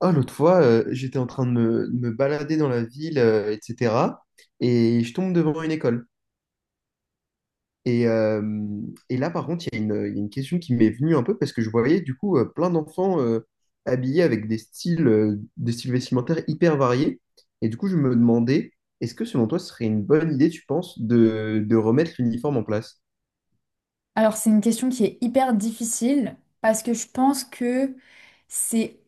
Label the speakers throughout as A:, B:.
A: Oh, l'autre fois, j'étais en train de me balader dans la ville, etc. Et je tombe devant une école. Et, euh, et là, par contre, il y a une question qui m'est venue un peu parce que je voyais du coup plein d'enfants habillés avec des des styles vestimentaires hyper variés. Et du coup, je me demandais, est-ce que selon toi, ce serait une bonne idée, tu penses, de remettre l'uniforme en place?
B: Alors, c'est une question qui est hyper difficile parce que je pense que c'est.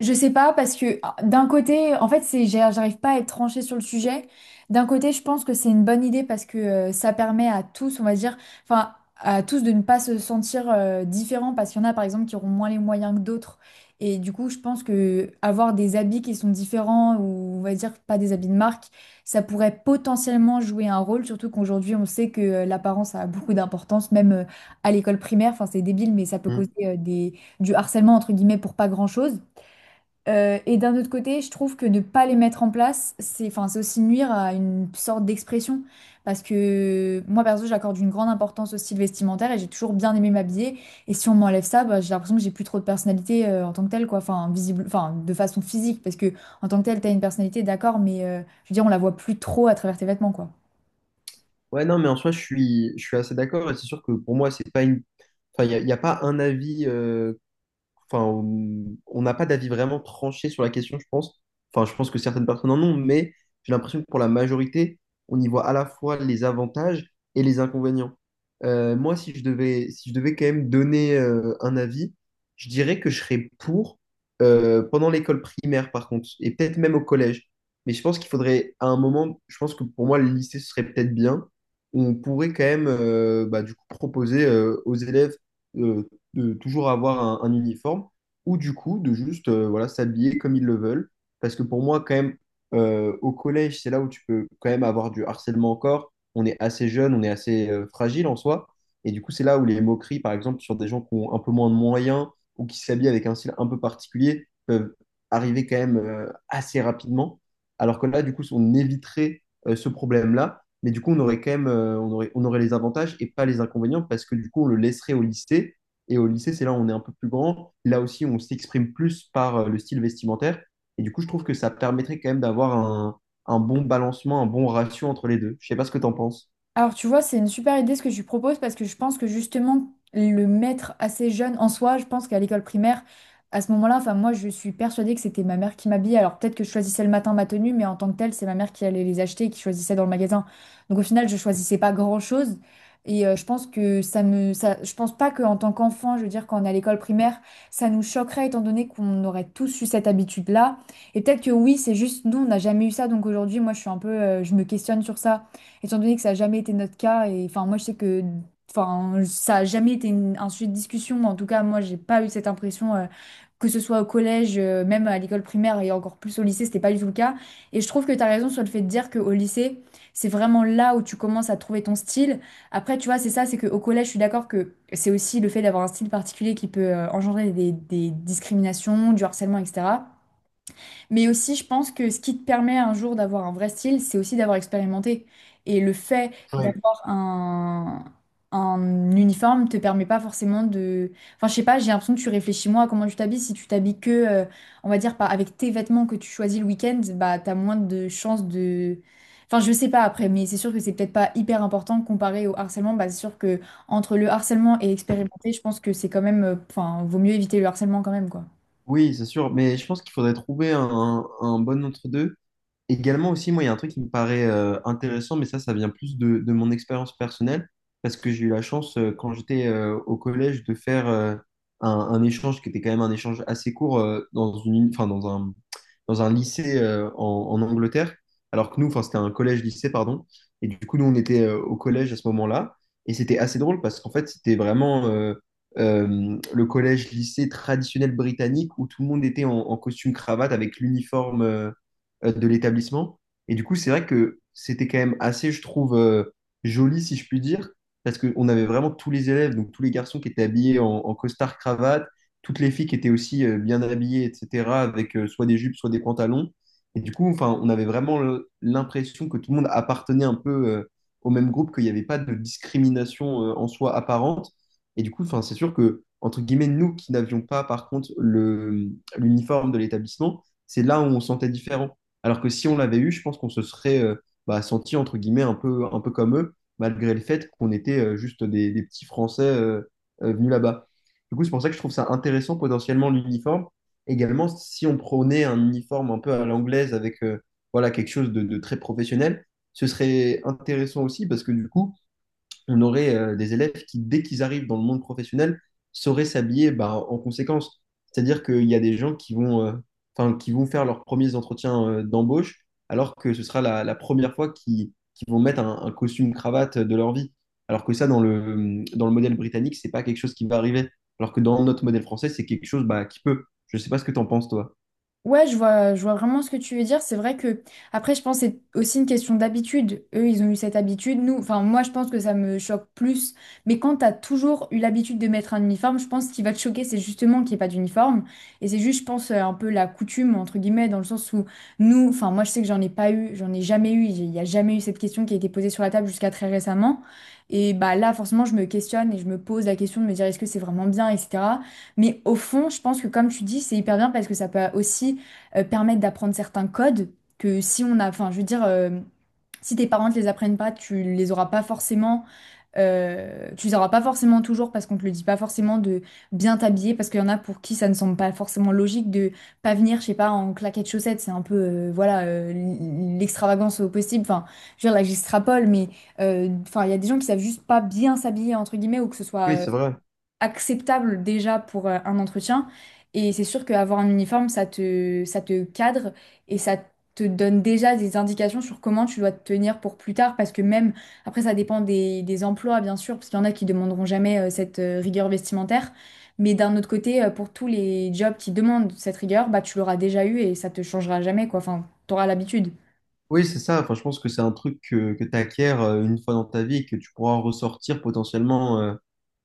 B: Je sais pas, parce que ah, d'un côté, en fait, c'est, j'arrive pas à être tranchée sur le sujet. D'un côté, je pense que c'est une bonne idée parce que ça permet à tous, on va dire, enfin, à tous de ne pas se sentir différents parce qu'il y en a, par exemple, qui auront moins les moyens que d'autres. Et du coup, je pense que avoir des habits qui sont différents ou, on va dire, pas des habits de marque, ça pourrait potentiellement jouer un rôle, surtout qu'aujourd'hui, on sait que l'apparence a beaucoup d'importance, même à l'école primaire. Enfin, c'est débile, mais ça peut causer
A: Hmm.
B: du harcèlement, entre guillemets, pour pas grand-chose. Et d'un autre côté, je trouve que ne pas les mettre en place, c'est enfin, c'est aussi nuire à une sorte d'expression. Parce que moi, perso, j'accorde une grande importance au style vestimentaire et j'ai toujours bien aimé m'habiller. Et si on m'enlève ça, bah, j'ai l'impression que j'ai plus trop de personnalité en tant que telle, quoi. Enfin, visible, enfin, de façon physique, parce que en tant que telle, t'as une personnalité, d'accord, mais je veux dire, on la voit plus trop à travers tes vêtements, quoi.
A: Ouais, non, mais en soi, je suis assez d'accord. Et c'est sûr que pour moi, c'est pas une. Enfin, y a pas un avis enfin, on n'a pas d'avis vraiment tranché sur la question, je pense. Enfin, je pense que certaines personnes en ont, mais j'ai l'impression que pour la majorité, on y voit à la fois les avantages et les inconvénients. Moi, si je devais quand même donner un avis, je dirais que je serais pour pendant l'école primaire, par contre, et peut-être même au collège. Mais je pense qu'il faudrait, à un moment, je pense que pour moi, le lycée, ce serait peut-être bien. On pourrait quand même, bah, du coup, proposer aux élèves euh, de toujours avoir un uniforme, ou du coup de juste voilà, s'habiller comme ils le veulent. Parce que pour moi, quand même, au collège, c'est là où tu peux quand même avoir du harcèlement encore. On est assez jeune, on est assez fragile en soi. Et du coup, c'est là où les moqueries, par exemple, sur des gens qui ont un peu moins de moyens ou qui s'habillent avec un style un peu particulier, peuvent arriver quand même assez rapidement. Alors que là, du coup, on éviterait ce problème-là. Mais du coup, on aurait quand même, on aurait les avantages et pas les inconvénients parce que du coup, on le laisserait au lycée et au lycée, c'est là où on est un peu plus grand. Là aussi, on s'exprime plus par le style vestimentaire. Et du coup, je trouve que ça permettrait quand même d'avoir un bon balancement, un bon ratio entre les deux. Je sais pas ce que tu en penses.
B: Alors, tu vois, c'est une super idée ce que tu proposes parce que je pense que justement, le mettre assez jeune en soi, je pense qu'à l'école primaire, à ce moment-là, enfin, moi, je suis persuadée que c'était ma mère qui m'habillait. Alors, peut-être que je choisissais le matin ma tenue, mais en tant que telle, c'est ma mère qui allait les acheter et qui choisissait dans le magasin. Donc, au final, je choisissais pas grand-chose. Et je pense que ça me. Ça, je pense pas qu'en tant qu'enfant, je veux dire, quand on est à l'école primaire, ça nous choquerait étant donné qu'on aurait tous eu cette habitude-là. Et peut-être que oui, c'est juste, nous, on n'a jamais eu ça. Donc, aujourd'hui, moi, je suis un peu. Je me questionne sur ça étant donné que ça n'a jamais été notre cas, et enfin, moi, je sais que enfin, ça n'a jamais été un sujet de discussion, mais en tout cas, moi, j'ai pas eu cette impression, que ce soit au collège, même à l'école primaire et encore plus au lycée, c'était pas du tout le cas. Et je trouve que tu as raison sur le fait de dire qu'au lycée, c'est vraiment là où tu commences à trouver ton style. Après, tu vois, c'est ça, c'est qu'au collège, je suis d'accord que c'est aussi le fait d'avoir un style particulier qui peut engendrer des discriminations, du harcèlement, etc. Mais aussi, je pense que ce qui te permet un jour d'avoir un vrai style, c'est aussi d'avoir expérimenté. Et le fait
A: Ouais.
B: d'avoir un, uniforme te permet pas forcément de... Enfin, je sais pas, j'ai l'impression que tu réfléchis moins à comment tu t'habilles. Si tu t'habilles que, on va dire, pas avec tes vêtements que tu choisis le week-end, bah, t'as moins de chances de... Enfin, je sais pas après, mais c'est sûr que c'est peut-être pas hyper important comparé au harcèlement. Bah, c'est sûr que entre le harcèlement et expérimenter, je pense que c'est quand même... Enfin, vaut mieux éviter le harcèlement quand même, quoi.
A: Oui, c'est sûr, mais je pense qu'il faudrait trouver un bon entre-deux. Également aussi, moi, il y a un truc qui me paraît intéressant, mais ça vient plus de mon expérience personnelle, parce que j'ai eu la chance, quand j'étais au collège, de faire un échange qui était quand même un échange assez court dans une, enfin, dans un lycée en Angleterre, alors que nous, enfin, c'était un collège-lycée, pardon, et du coup, nous, on était au collège à ce moment-là, et c'était assez drôle, parce qu'en fait, c'était vraiment le collège-lycée traditionnel britannique, où tout le monde était en costume-cravate avec l'uniforme. De l'établissement. Et du coup, c'est vrai que c'était quand même assez, je trouve, joli, si je puis dire, parce qu'on avait vraiment tous les élèves, donc tous les garçons qui étaient habillés en costard-cravate, toutes les filles qui étaient aussi bien habillées, etc., avec soit des jupes, soit des pantalons. Et du coup, enfin, on avait vraiment l'impression que tout le monde appartenait un peu au même groupe, qu'il n'y avait pas de discrimination en soi apparente. Et du coup, enfin, c'est sûr que, entre guillemets, nous qui n'avions pas, par contre, l'uniforme de l'établissement, c'est là où on se sentait différent. Alors que si on l'avait eu, je pense qu'on se serait bah, senti entre guillemets un peu comme eux, malgré le fait qu'on était juste des petits Français venus là-bas. Du coup, c'est pour ça que je trouve ça intéressant potentiellement l'uniforme. Également, si on prenait un uniforme un peu à l'anglaise avec voilà, quelque chose de très professionnel, ce serait intéressant aussi parce que du coup, on aurait des élèves qui, dès qu'ils arrivent dans le monde professionnel, sauraient s'habiller bah, en conséquence. C'est-à-dire qu'il y a des gens qui vont, enfin, qui vont faire leurs premiers entretiens d'embauche, alors que ce sera la première fois qu'ils vont mettre un costume cravate de leur vie. Alors que ça, dans le modèle britannique, c'est pas quelque chose qui va arriver. Alors que dans notre modèle français, c'est quelque chose bah, qui peut. Je sais pas ce que tu en penses, toi.
B: Ouais, je vois vraiment ce que tu veux dire. C'est vrai que, après, je pense que c'est aussi une question d'habitude. Eux, ils ont eu cette habitude. Nous, enfin, moi, je pense que ça me choque plus. Mais quand t'as toujours eu l'habitude de mettre un uniforme, je pense qu'il va te choquer, c'est justement qu'il n'y ait pas d'uniforme. Et c'est juste, je pense, un peu la coutume, entre guillemets, dans le sens où nous, enfin, moi, je sais que j'en ai pas eu, j'en ai jamais eu. Il n'y a jamais eu cette question qui a été posée sur la table jusqu'à très récemment. Et bah là, forcément, je me questionne et je me pose la question de me dire est-ce que c'est vraiment bien, etc. Mais au fond, je pense que, comme tu dis, c'est hyper bien parce que ça peut aussi permettent d'apprendre certains codes que si on a, enfin, je veux dire, si tes parents ne les apprennent pas, tu les auras pas forcément, tu les auras pas forcément toujours parce qu'on te le dit pas forcément de bien t'habiller parce qu'il y en a pour qui ça ne semble pas forcément logique de pas venir, je sais pas, en claquettes chaussettes, c'est un peu, voilà, l'extravagance au possible. Enfin, je veux dire, là, j'extrapole, mais enfin, il y a des gens qui savent juste pas bien s'habiller entre guillemets ou que ce soit
A: Oui, c'est vrai.
B: acceptable déjà pour un entretien. Et c'est sûr qu'avoir un uniforme, ça te cadre et ça te donne déjà des indications sur comment tu dois te tenir pour plus tard. Parce que même, après, ça dépend des emplois, bien sûr, parce qu'il y en a qui demanderont jamais cette rigueur vestimentaire. Mais d'un autre côté, pour tous les jobs qui demandent cette rigueur, bah, tu l'auras déjà eu et ça te changera jamais, quoi. Enfin, t'auras l'habitude.
A: Oui, c'est ça. Enfin, je pense que c'est un truc que tu acquiers une fois dans ta vie et que tu pourras ressortir potentiellement euh,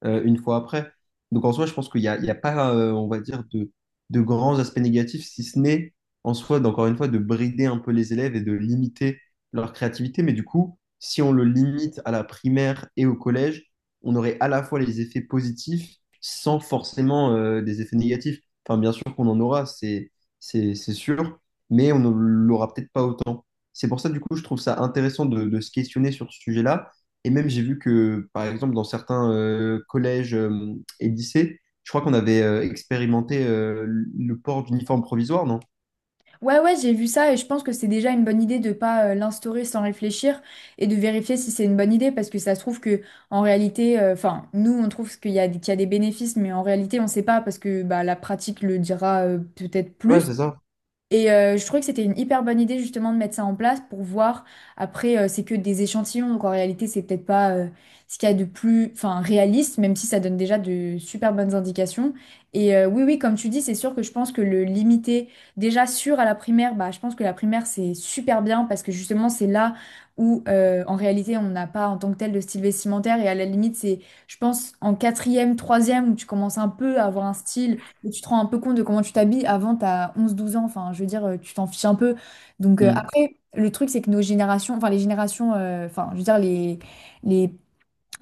A: euh, une fois après. Donc en soi, je pense qu'il n'y a, il y a pas, on va dire, de grands aspects négatifs, si ce n'est en soi, d'encore une fois, de brider un peu les élèves et de limiter leur créativité. Mais du coup, si on le limite à la primaire et au collège, on aurait à la fois les effets positifs sans forcément des effets négatifs. Enfin, bien sûr qu'on en aura, c'est sûr, mais on ne l'aura peut-être pas autant. C'est pour ça, du coup, je trouve ça intéressant de se questionner sur ce sujet-là. Et même, j'ai vu que, par exemple, dans certains collèges et lycées, je crois qu'on avait expérimenté le port d'uniforme provisoire, non?
B: Ouais, ouais, j'ai vu ça et je pense que c'est déjà une bonne idée de pas l'instaurer sans réfléchir et de vérifier si c'est une bonne idée parce que ça se trouve que en réalité, enfin, nous on trouve qu'il y a des bénéfices, mais en réalité on sait pas parce que bah, la pratique le dira peut-être
A: Ouais,
B: plus.
A: c'est ça.
B: Et je trouvais que c'était une hyper bonne idée justement de mettre ça en place pour voir. Après, c'est que des échantillons, donc en réalité, c'est peut-être pas ce qu'il y a de plus, enfin, réaliste, même si ça donne déjà de super bonnes indications. Et oui, oui, comme tu dis, c'est sûr que je pense que le limiter déjà sûr à la primaire, bah, je pense que la primaire, c'est super bien parce que justement, c'est là où en réalité, on n'a pas en tant que tel de style vestimentaire. Et à la limite, c'est, je pense, en quatrième, troisième, où tu commences un peu à avoir un style et tu te rends un peu compte de comment tu t'habilles. Avant, t'as 11 12 ans, enfin, je veux dire, tu t'en fiches un peu. Donc
A: Mm.
B: après, le truc, c'est que nos générations, enfin les générations, enfin, je veux dire, les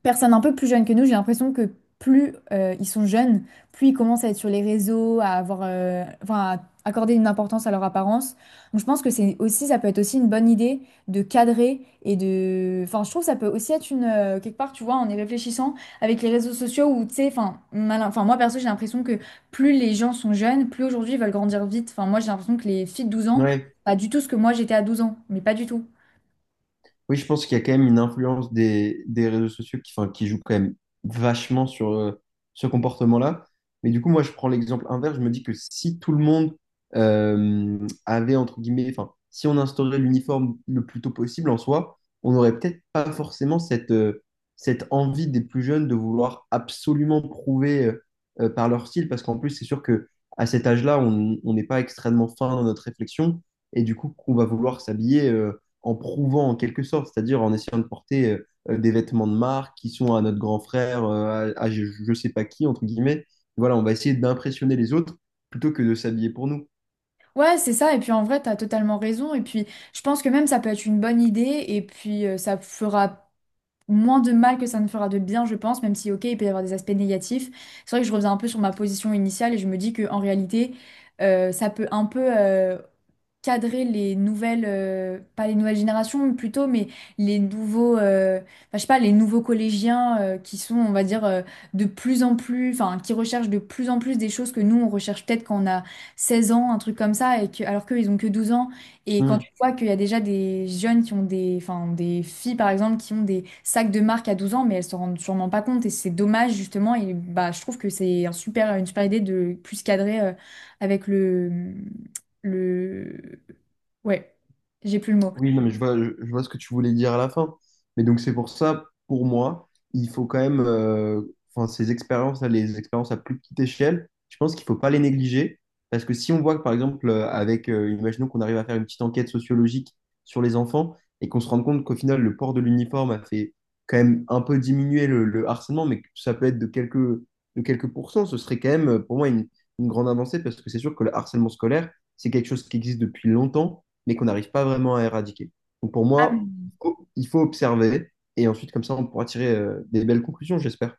B: personnes un peu plus jeunes que nous, j'ai l'impression que plus ils sont jeunes, plus ils commencent à être sur les réseaux, à avoir, enfin, à accorder une importance à leur apparence. Donc je pense que c'est aussi, ça peut être aussi une bonne idée de cadrer et de, enfin, je trouve que ça peut aussi être une quelque part, tu vois, en y réfléchissant avec les réseaux sociaux où tu sais, enfin, enfin, moi perso, j'ai l'impression que plus les gens sont jeunes, plus aujourd'hui ils veulent grandir vite. Enfin, moi j'ai l'impression que les filles de 12 ans,
A: Ouais.
B: pas du tout ce que moi j'étais à 12 ans, mais pas du tout.
A: Oui, je pense qu'il y a quand même une influence des réseaux sociaux qui, enfin, qui joue quand même vachement sur ce comportement-là. Mais du coup, moi, je prends l'exemple inverse. Je me dis que si tout le monde euh, avait, entre guillemets, enfin, si on instaurait l'uniforme le plus tôt possible en soi, on n'aurait peut-être pas forcément cette, cette envie des plus jeunes de vouloir absolument prouver par leur style. Parce qu'en plus, c'est sûr que à cet âge-là, on n'est pas extrêmement fin dans notre réflexion. Et du coup, qu'on va vouloir s'habiller. En prouvant en quelque sorte, c'est-à-dire en essayant de porter des vêtements de marque qui sont à notre grand frère, à je ne sais pas qui, entre guillemets. Voilà, on va essayer d'impressionner les autres plutôt que de s'habiller pour nous.
B: Ouais, c'est ça. Et puis en vrai, t'as totalement raison. Et puis je pense que même ça peut être une bonne idée. Et puis ça fera moins de mal que ça ne fera de bien, je pense, même si, ok, il peut y avoir des aspects négatifs. C'est vrai que je reviens un peu sur ma position initiale et je me dis que en réalité, ça peut un peu cadrer les nouvelles, pas les nouvelles générations plutôt, mais les nouveaux, enfin, je sais pas, les nouveaux collégiens qui sont, on va dire, de plus en plus, enfin, qui recherchent de plus en plus des choses que nous, on recherche peut-être quand on a 16 ans, un truc comme ça, et que, alors qu'eux, ils ont que 12 ans. Et quand
A: Hmm.
B: tu vois qu'il y a déjà des jeunes qui ont des, enfin, des filles par exemple qui ont des sacs de marque à 12 ans, mais elles se rendent sûrement pas compte et c'est dommage justement. Et bah, je trouve que c'est un super, une super idée de plus cadrer avec le, le, ouais, j'ai plus le mot.
A: Oui, non, mais je, vois ce que tu voulais dire à la fin. Mais donc, c'est pour ça, pour moi, il faut quand même, enfin, ces expériences les expériences à plus petite échelle, je pense qu'il ne faut pas les négliger. Parce que si on voit que, par exemple, imaginons qu'on arrive à faire une petite enquête sociologique sur les enfants et qu'on se rende compte qu'au final, le port de l'uniforme a fait quand même un peu diminuer le harcèlement, mais que ça peut être de quelques pourcents, ce serait quand même, pour moi, une grande avancée parce que c'est sûr que le harcèlement scolaire, c'est quelque chose qui existe depuis longtemps mais qu'on n'arrive pas vraiment à éradiquer. Donc pour
B: Ah,
A: moi, il faut- observer et ensuite, comme ça, on pourra tirer des belles conclusions, j'espère.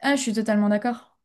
B: ah, je suis totalement d'accord.